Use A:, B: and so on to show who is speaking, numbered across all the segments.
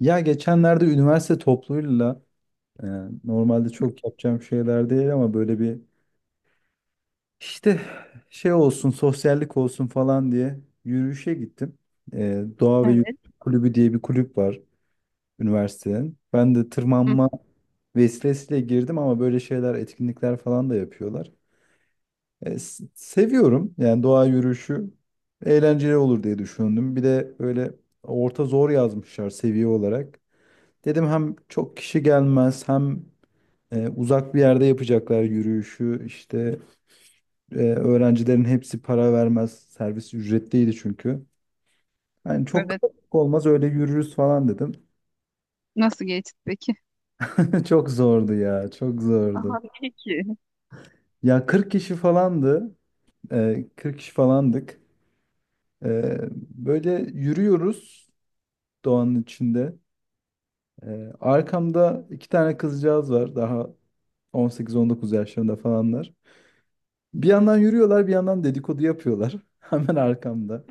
A: Ya geçenlerde üniversite topluluğuyla e, normalde çok yapacağım şeyler değil ama böyle bir işte şey olsun sosyallik olsun falan diye yürüyüşe gittim. Doğa ve Yürüyüş
B: Evet.
A: Kulübü diye bir kulüp var üniversitenin. Ben de
B: Hı,
A: tırmanma vesilesiyle girdim ama böyle şeyler etkinlikler falan da yapıyorlar. Seviyorum yani, doğa yürüyüşü eğlenceli olur diye düşündüm. Bir de böyle orta zor yazmışlar seviye olarak. Dedim hem çok kişi gelmez hem uzak bir yerde yapacaklar yürüyüşü. İşte öğrencilerin hepsi para vermez. Servis ücretliydi çünkü. Yani çok
B: evet.
A: kalabalık olmaz, öyle yürürüz falan dedim.
B: Nasıl geçti peki?
A: Çok zordu ya, çok
B: Aha
A: zordu.
B: iyi ki.
A: Ya 40 kişi falandı. 40 kişi falandık. E, Böyle yürüyoruz doğanın içinde. Arkamda iki tane kızcağız var, daha 18-19 yaşlarında falanlar. Bir yandan yürüyorlar, bir yandan dedikodu yapıyorlar. Hemen arkamda.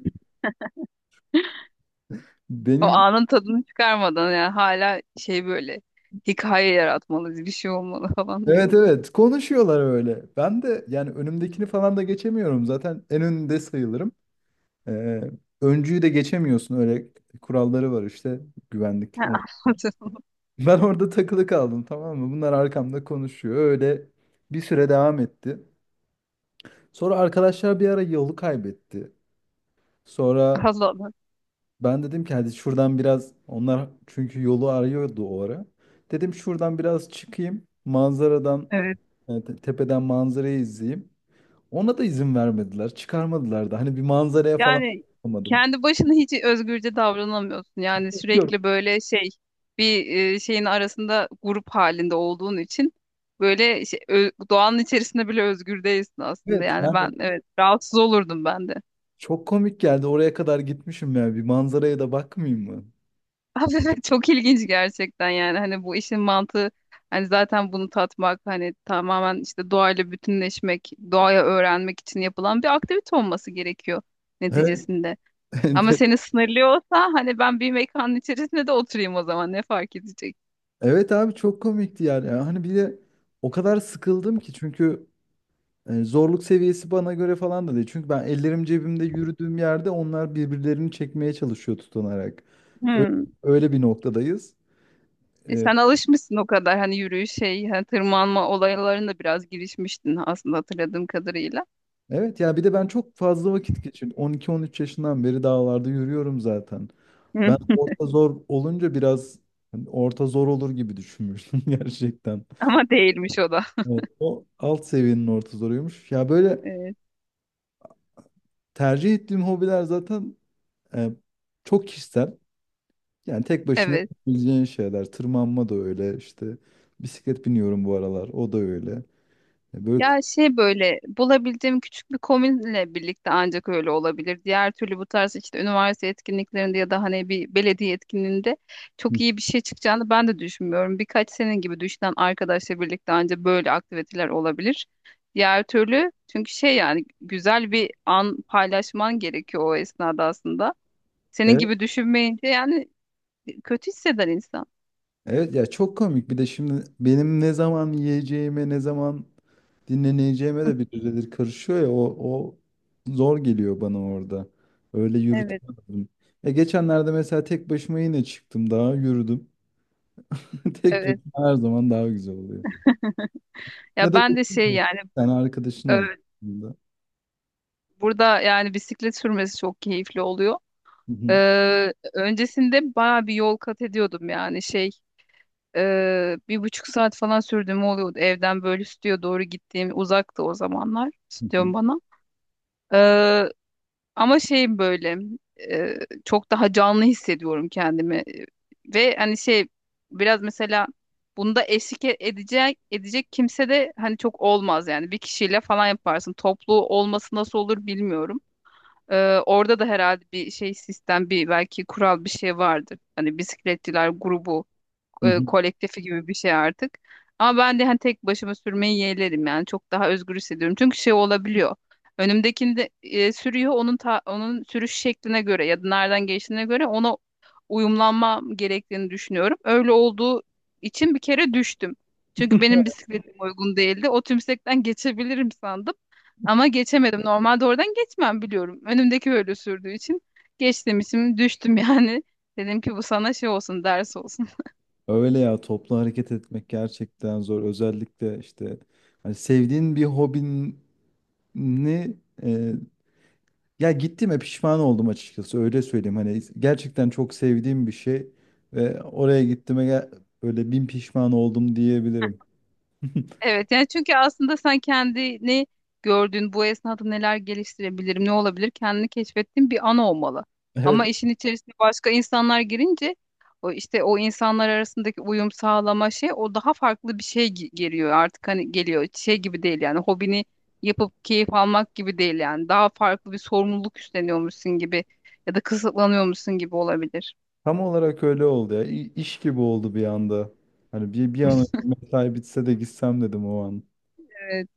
B: O
A: Benim,
B: anın tadını çıkarmadan yani hala böyle hikaye yaratmalıyız, bir şey olmalı falan diye.
A: evet evet, konuşuyorlar öyle. Ben de yani önümdekini falan da geçemiyorum. Zaten en önünde sayılırım. Ee, Öncüyü de geçemiyorsun. Öyle kuralları var işte, güvenlik
B: Ha,
A: ama.
B: anladım.
A: Ben orada takılı kaldım, tamam mı? Bunlar arkamda konuşuyor. Öyle bir süre devam etti. Sonra arkadaşlar bir ara yolu kaybetti. Sonra
B: Allah Allah.
A: ben dedim ki hadi şuradan biraz, onlar çünkü yolu arıyordu o ara. Dedim şuradan biraz çıkayım. Manzaradan
B: Evet.
A: tepeden manzarayı izleyeyim. Ona da izin vermediler. Çıkarmadılar da. Hani bir manzaraya falan
B: Yani
A: bakamadım.
B: kendi başına hiç özgürce davranamıyorsun. Yani
A: Bakıyorum.
B: sürekli böyle bir şeyin arasında grup halinde olduğun için böyle doğanın içerisinde bile özgür değilsin aslında.
A: Evet.
B: Yani ben,
A: Yani
B: evet, rahatsız olurdum ben de.
A: çok komik geldi. Oraya kadar gitmişim ya. Bir manzaraya da bakmayayım mı?
B: Abi evet, çok ilginç gerçekten yani hani bu işin mantığı hani zaten bunu tatmak, hani tamamen işte doğayla bütünleşmek, doğaya öğrenmek için yapılan bir aktivite olması gerekiyor
A: Evet.
B: neticesinde. Ama seni sınırlıyorsa hani ben bir mekanın içerisinde de oturayım, o zaman ne fark edecek?
A: Evet abi, çok komikti yani. Yani hani bir de o kadar sıkıldım ki çünkü zorluk seviyesi bana göre falan da değil. Çünkü ben ellerim cebimde yürüdüğüm yerde onlar birbirlerini çekmeye çalışıyor tutunarak. Öyle,
B: Hmm.
A: öyle bir noktadayız.
B: E
A: E,
B: sen alışmışsın o kadar, hani yürüyüş hani tırmanma olaylarında biraz girişmiştin aslında hatırladığım kadarıyla.
A: evet ya, bir de ben çok fazla vakit geçirdim. 12-13 yaşından beri dağlarda yürüyorum zaten. Ben
B: Hı.
A: orta zor olunca biraz, hani orta zor olur gibi düşünmüştüm gerçekten.
B: Ama değilmiş o da.
A: O alt seviyenin orta zoruymuş. Ya böyle
B: Evet.
A: tercih ettiğim hobiler zaten e, çok kişisel. Yani tek başına
B: Evet.
A: yapabileceğin şeyler. Tırmanma da öyle işte. Bisiklet biniyorum bu aralar. O da öyle. Ya Böyle k-
B: Ya böyle bulabildiğim küçük bir komünle birlikte ancak öyle olabilir. Diğer türlü bu tarz işte üniversite etkinliklerinde ya da hani bir belediye etkinliğinde çok iyi bir şey çıkacağını ben de düşünmüyorum. Birkaç senin gibi düşünen arkadaşla birlikte ancak böyle aktiviteler olabilir. Diğer türlü çünkü yani güzel bir an paylaşman gerekiyor o esnada aslında. Senin
A: evet,
B: gibi düşünmeyince yani kötü hisseder insan.
A: evet ya çok komik. Bir de şimdi benim ne zaman yiyeceğime, ne zaman dinleneceğime de bir düzedir karışıyor ya. O zor geliyor bana orada. Öyle
B: Evet,
A: yürütemedim. Ya geçenlerde mesela tek başıma yine çıktım, daha yürüdüm. Tek
B: evet.
A: başıma her zaman daha güzel oluyor. Ya
B: Ya
A: da
B: ben de yani
A: sen arkadaşın
B: e,
A: olur. Hı hı.
B: burada yani bisiklet sürmesi çok keyifli oluyor. Öncesinde bayağı bir yol kat ediyordum, yani bir buçuk saat falan sürdüğüm oluyordu evden böyle stüdyoya doğru, gittiğim uzaktı o zamanlar
A: Hı hı.
B: stüdyom bana. Ee, ama şey böyle e, çok daha canlı hissediyorum kendimi ve hani biraz mesela bunda eşlik edecek kimse de hani çok olmaz, yani bir kişiyle falan yaparsın, toplu olması nasıl olur bilmiyorum. Ee, orada da herhalde bir sistem, bir belki kural bir şey vardır. Hani bisikletçiler grubu,
A: Hı hı.
B: kolektifi gibi bir şey artık. Ama ben de hani tek başıma sürmeyi yeğlerim, yani çok daha özgür hissediyorum. Çünkü şey olabiliyor. Önümdekini sürüyor onun onun sürüş şekline göre ya da nereden geçtiğine göre ona uyumlanmam gerektiğini düşünüyorum. Öyle olduğu için bir kere düştüm. Çünkü benim bisikletim uygun değildi. O tümsekten geçebilirim sandım. Ama geçemedim. Normalde oradan geçmem, biliyorum. Önümdeki böyle sürdüğü için geçtim için düştüm yani. Dedim ki bu sana ders olsun.
A: Öyle ya, toplu hareket etmek gerçekten zor. Özellikle işte hani sevdiğin bir hobini e, ya, gittiğime pişman oldum açıkçası, öyle söyleyeyim. Hani gerçekten çok sevdiğim bir şey ve oraya böyle bin pişman oldum diyebilirim.
B: Evet, yani çünkü aslında sen kendini gördüğün bu esnada neler geliştirebilirim, ne olabilir, kendini keşfettiğin bir an olmalı.
A: Evet,
B: Ama işin içerisine başka insanlar girince o işte o insanlar arasındaki uyum sağlama o daha farklı bir şey geliyor artık, hani geliyor şey gibi değil yani, hobini yapıp keyif almak gibi değil yani, daha farklı bir sorumluluk üstleniyormuşsun gibi ya da kısıtlanıyormuşsun gibi olabilir.
A: tam olarak öyle oldu ya. İş gibi oldu bir anda. Hani bir an önce mesai bitse de gitsem dedim o an.
B: Evet.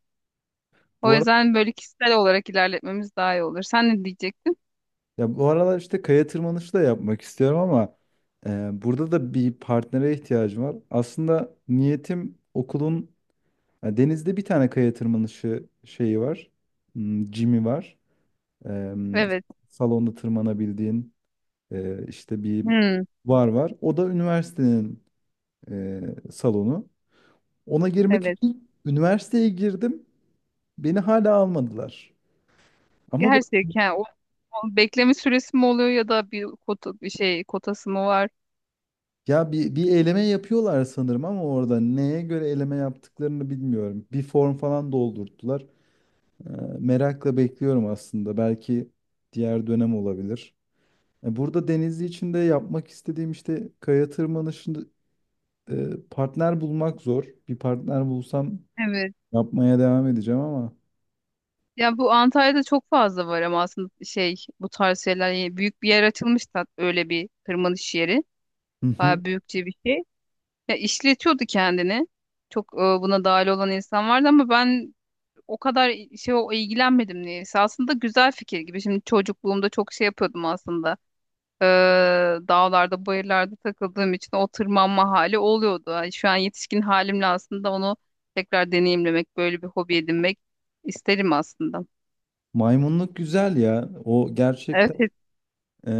B: O yüzden böyle kişisel olarak ilerletmemiz daha iyi olur. Sen ne diyecektin?
A: Ya bu aralar işte kaya tırmanışı da yapmak istiyorum ama burada da bir partnere ihtiyacım var. Aslında niyetim okulun, ya denizde bir tane kaya tırmanışı şeyi var. Hmm, Jim'i var. E,
B: Evet.
A: Salonda tırmanabildiğin işte bir
B: Hmm,
A: var. O da üniversitenin salonu. Ona girmek
B: evet.
A: için üniversiteye girdim. Beni hala almadılar. Ama
B: Gerçekten o, o bekleme süresi mi oluyor ya da bir kota, bir kotası mı var?
A: ya bir eleme yapıyorlar sanırım, ama orada neye göre eleme yaptıklarını bilmiyorum. Bir form falan doldurttular. Ee, Merakla bekliyorum aslında. Belki diğer dönem olabilir. Burada Denizli için de yapmak istediğim işte kaya tırmanışında partner bulmak zor. Bir partner bulsam
B: Evet.
A: yapmaya devam edeceğim ama.
B: Ya bu Antalya'da çok fazla var ama aslında bu tarz şeyler yani, büyük bir yer açılmış da, öyle bir tırmanış yeri.
A: Hı hı.
B: Bayağı büyükçe bir şey. Ya işletiyordu kendini. Çok buna dahil olan insan vardı ama ben o kadar şey o ilgilenmedim niyeyse. Aslında güzel fikir gibi. Şimdi çocukluğumda çok şey yapıyordum aslında. e, dağlarda, bayırlarda takıldığım için o tırmanma hali oluyordu. Ay, şu an yetişkin halimle aslında onu tekrar deneyimlemek, böyle bir hobi edinmek isterim aslında.
A: Maymunluk güzel ya. O gerçekten.
B: Evet.
A: e,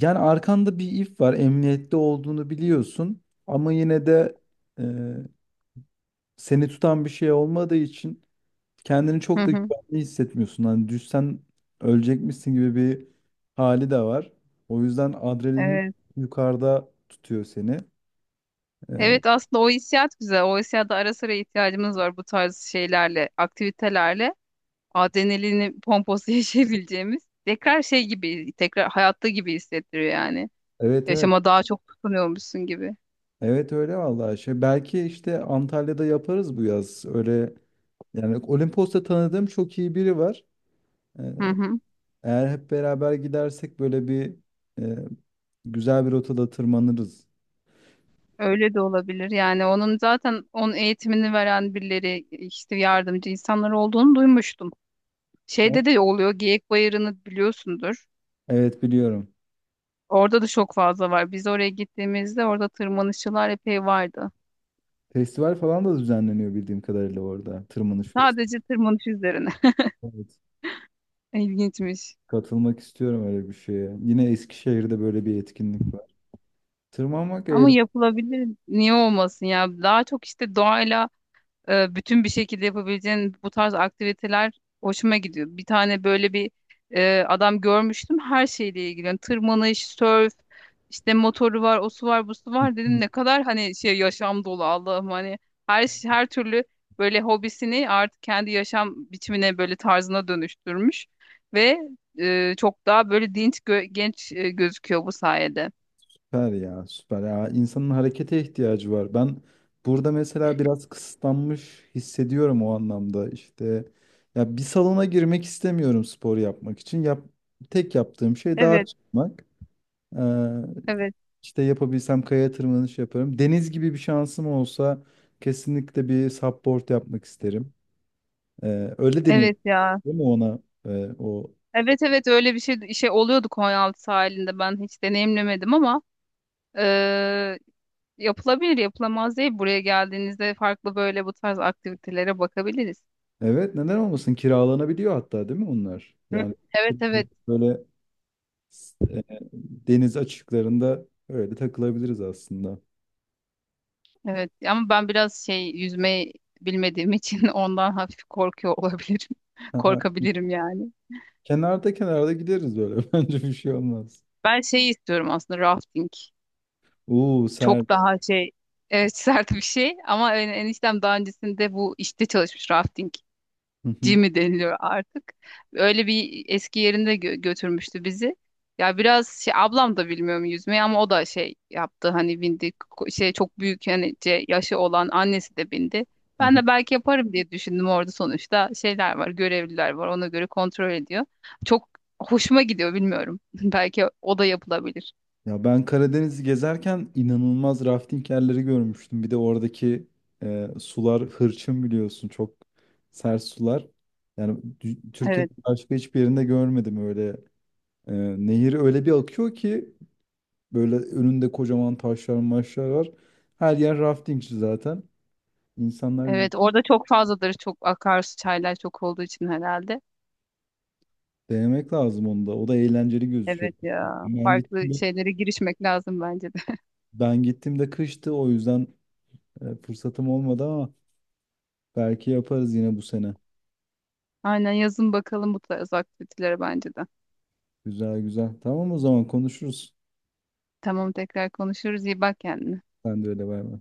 A: Yani arkanda bir if var. Emniyette olduğunu biliyorsun. Ama yine de e, seni tutan bir şey olmadığı için kendini
B: Hı
A: çok da
B: hı.
A: güvenli hissetmiyorsun. Hani düşsen ölecekmişsin gibi bir hali de var. O yüzden adrenalin
B: Evet.
A: yukarıda tutuyor seni. Ee,
B: Evet aslında o hissiyat güzel. O hissiyata ara sıra ihtiyacımız var bu tarz şeylerle, aktivitelerle. Adrenalini pomposu yaşayabileceğimiz. Tekrar tekrar hayatta gibi hissettiriyor yani.
A: evet, evet.
B: Yaşama daha çok tutunuyormuşsun gibi.
A: Evet öyle vallahi şey. Belki işte Antalya'da yaparız bu yaz. Öyle yani Olimpos'ta tanıdığım çok iyi biri var. Ee,
B: Hı hı.
A: Eğer hep beraber gidersek böyle bir e, güzel bir rotada tırmanırız.
B: Öyle de olabilir. Yani onun zaten onun eğitimini veren birileri, işte yardımcı insanlar olduğunu duymuştum. Şeyde de oluyor, Geyik Bayırı'nı biliyorsundur.
A: Evet, biliyorum.
B: Orada da çok fazla var. Biz oraya gittiğimizde orada tırmanışçılar epey vardı.
A: Festival falan da düzenleniyor bildiğim kadarıyla orada. Tırmanış Fest.
B: Sadece tırmanış üzerine.
A: Evet.
B: İlginçmiş.
A: Katılmak istiyorum öyle bir şeye. Yine Eskişehir'de böyle bir etkinlik var. Tırmanmak
B: Ama
A: eğlenceli.
B: yapılabilir. Niye olmasın ya? Daha çok işte doğayla bütün bir şekilde yapabileceğin bu tarz aktiviteler hoşuma gidiyor. Bir tane böyle bir adam görmüştüm her şeyle ilgili. Yani tırmanış, sörf, işte motoru var, o su var, bu su var, dedim ne kadar hani yaşam dolu Allah'ım, hani her türlü böyle hobisini artık kendi yaşam biçimine, böyle tarzına dönüştürmüş ve çok daha böyle dinç genç gözüküyor bu sayede.
A: Süper ya, süper ya. İnsanın harekete ihtiyacı var. Ben burada mesela biraz kısıtlanmış hissediyorum o anlamda. İşte ya, bir salona girmek istemiyorum spor yapmak için. Tek yaptığım şey dağa
B: Evet,
A: çıkmak.
B: evet.
A: İşte yapabilsem kaya tırmanış yaparım. Deniz gibi bir şansım olsa kesinlikle bir supboard yapmak isterim. Öyle deniyor
B: Evet ya.
A: değil mi ona? O
B: Evet, evet, öyle bir oluyordu Konyaaltı sahilinde, ben hiç deneyimlemedim ama eee, yapılabilir yapılamaz değil, buraya geldiğinizde farklı böyle bu tarz aktivitelere bakabiliriz.
A: Evet, neden olmasın, kiralanabiliyor hatta değil mi onlar?
B: Hı.
A: Yani
B: Evet, evet,
A: böyle e, deniz açıklarında öyle takılabiliriz aslında.
B: evet, ama ben biraz yüzmeyi bilmediğim için ondan hafif korkuyor olabilirim.
A: Ha,
B: Korkabilirim yani.
A: kenarda kenarda gideriz böyle, bence bir şey olmaz.
B: Ben şey istiyorum aslında, rafting.
A: Oo ser.
B: Çok daha evet sert bir şey, ama eniştem daha öncesinde bu işte çalışmış, rafting. G mi deniliyor artık. Öyle bir eski yerinde götürmüştü bizi. Ya biraz şey, ablam da bilmiyorum yüzmeyi ama o da şey yaptı, hani bindi, çok büyük hani, yaşı olan annesi de bindi. Ben de belki yaparım diye düşündüm, orada sonuçta şeyler var, görevliler var, ona göre kontrol ediyor. Çok hoşuma gidiyor bilmiyorum. Belki o da yapılabilir.
A: Ya ben Karadeniz'i gezerken inanılmaz rafting yerleri görmüştüm. Bir de oradaki sular hırçın biliyorsun, çok sert sular. Türkiye'nin
B: Evet.
A: başka hiçbir yerinde görmedim öyle. E, Nehir öyle bir akıyor ki, böyle önünde kocaman taşlar maşlar var. Her yer raftingçi zaten. İnsanlar,
B: Evet orada çok fazladır, çok akarsu, çaylar çok olduğu için herhalde.
A: denemek lazım onu da. O da eğlenceli gözüküyor.
B: Evet ya,
A: Ben
B: farklı
A: gittiğimde,
B: şeylere girişmek lazım bence de.
A: ben gittiğimde kıştı, o yüzden fırsatım olmadı, ama belki yaparız yine bu sene.
B: Aynen, yazın bakalım bu tarz aktivitelere bence de.
A: Güzel güzel. Tamam, o zaman konuşuruz.
B: Tamam, tekrar konuşuruz. İyi bak kendine.
A: Sen de öyle, bay bay.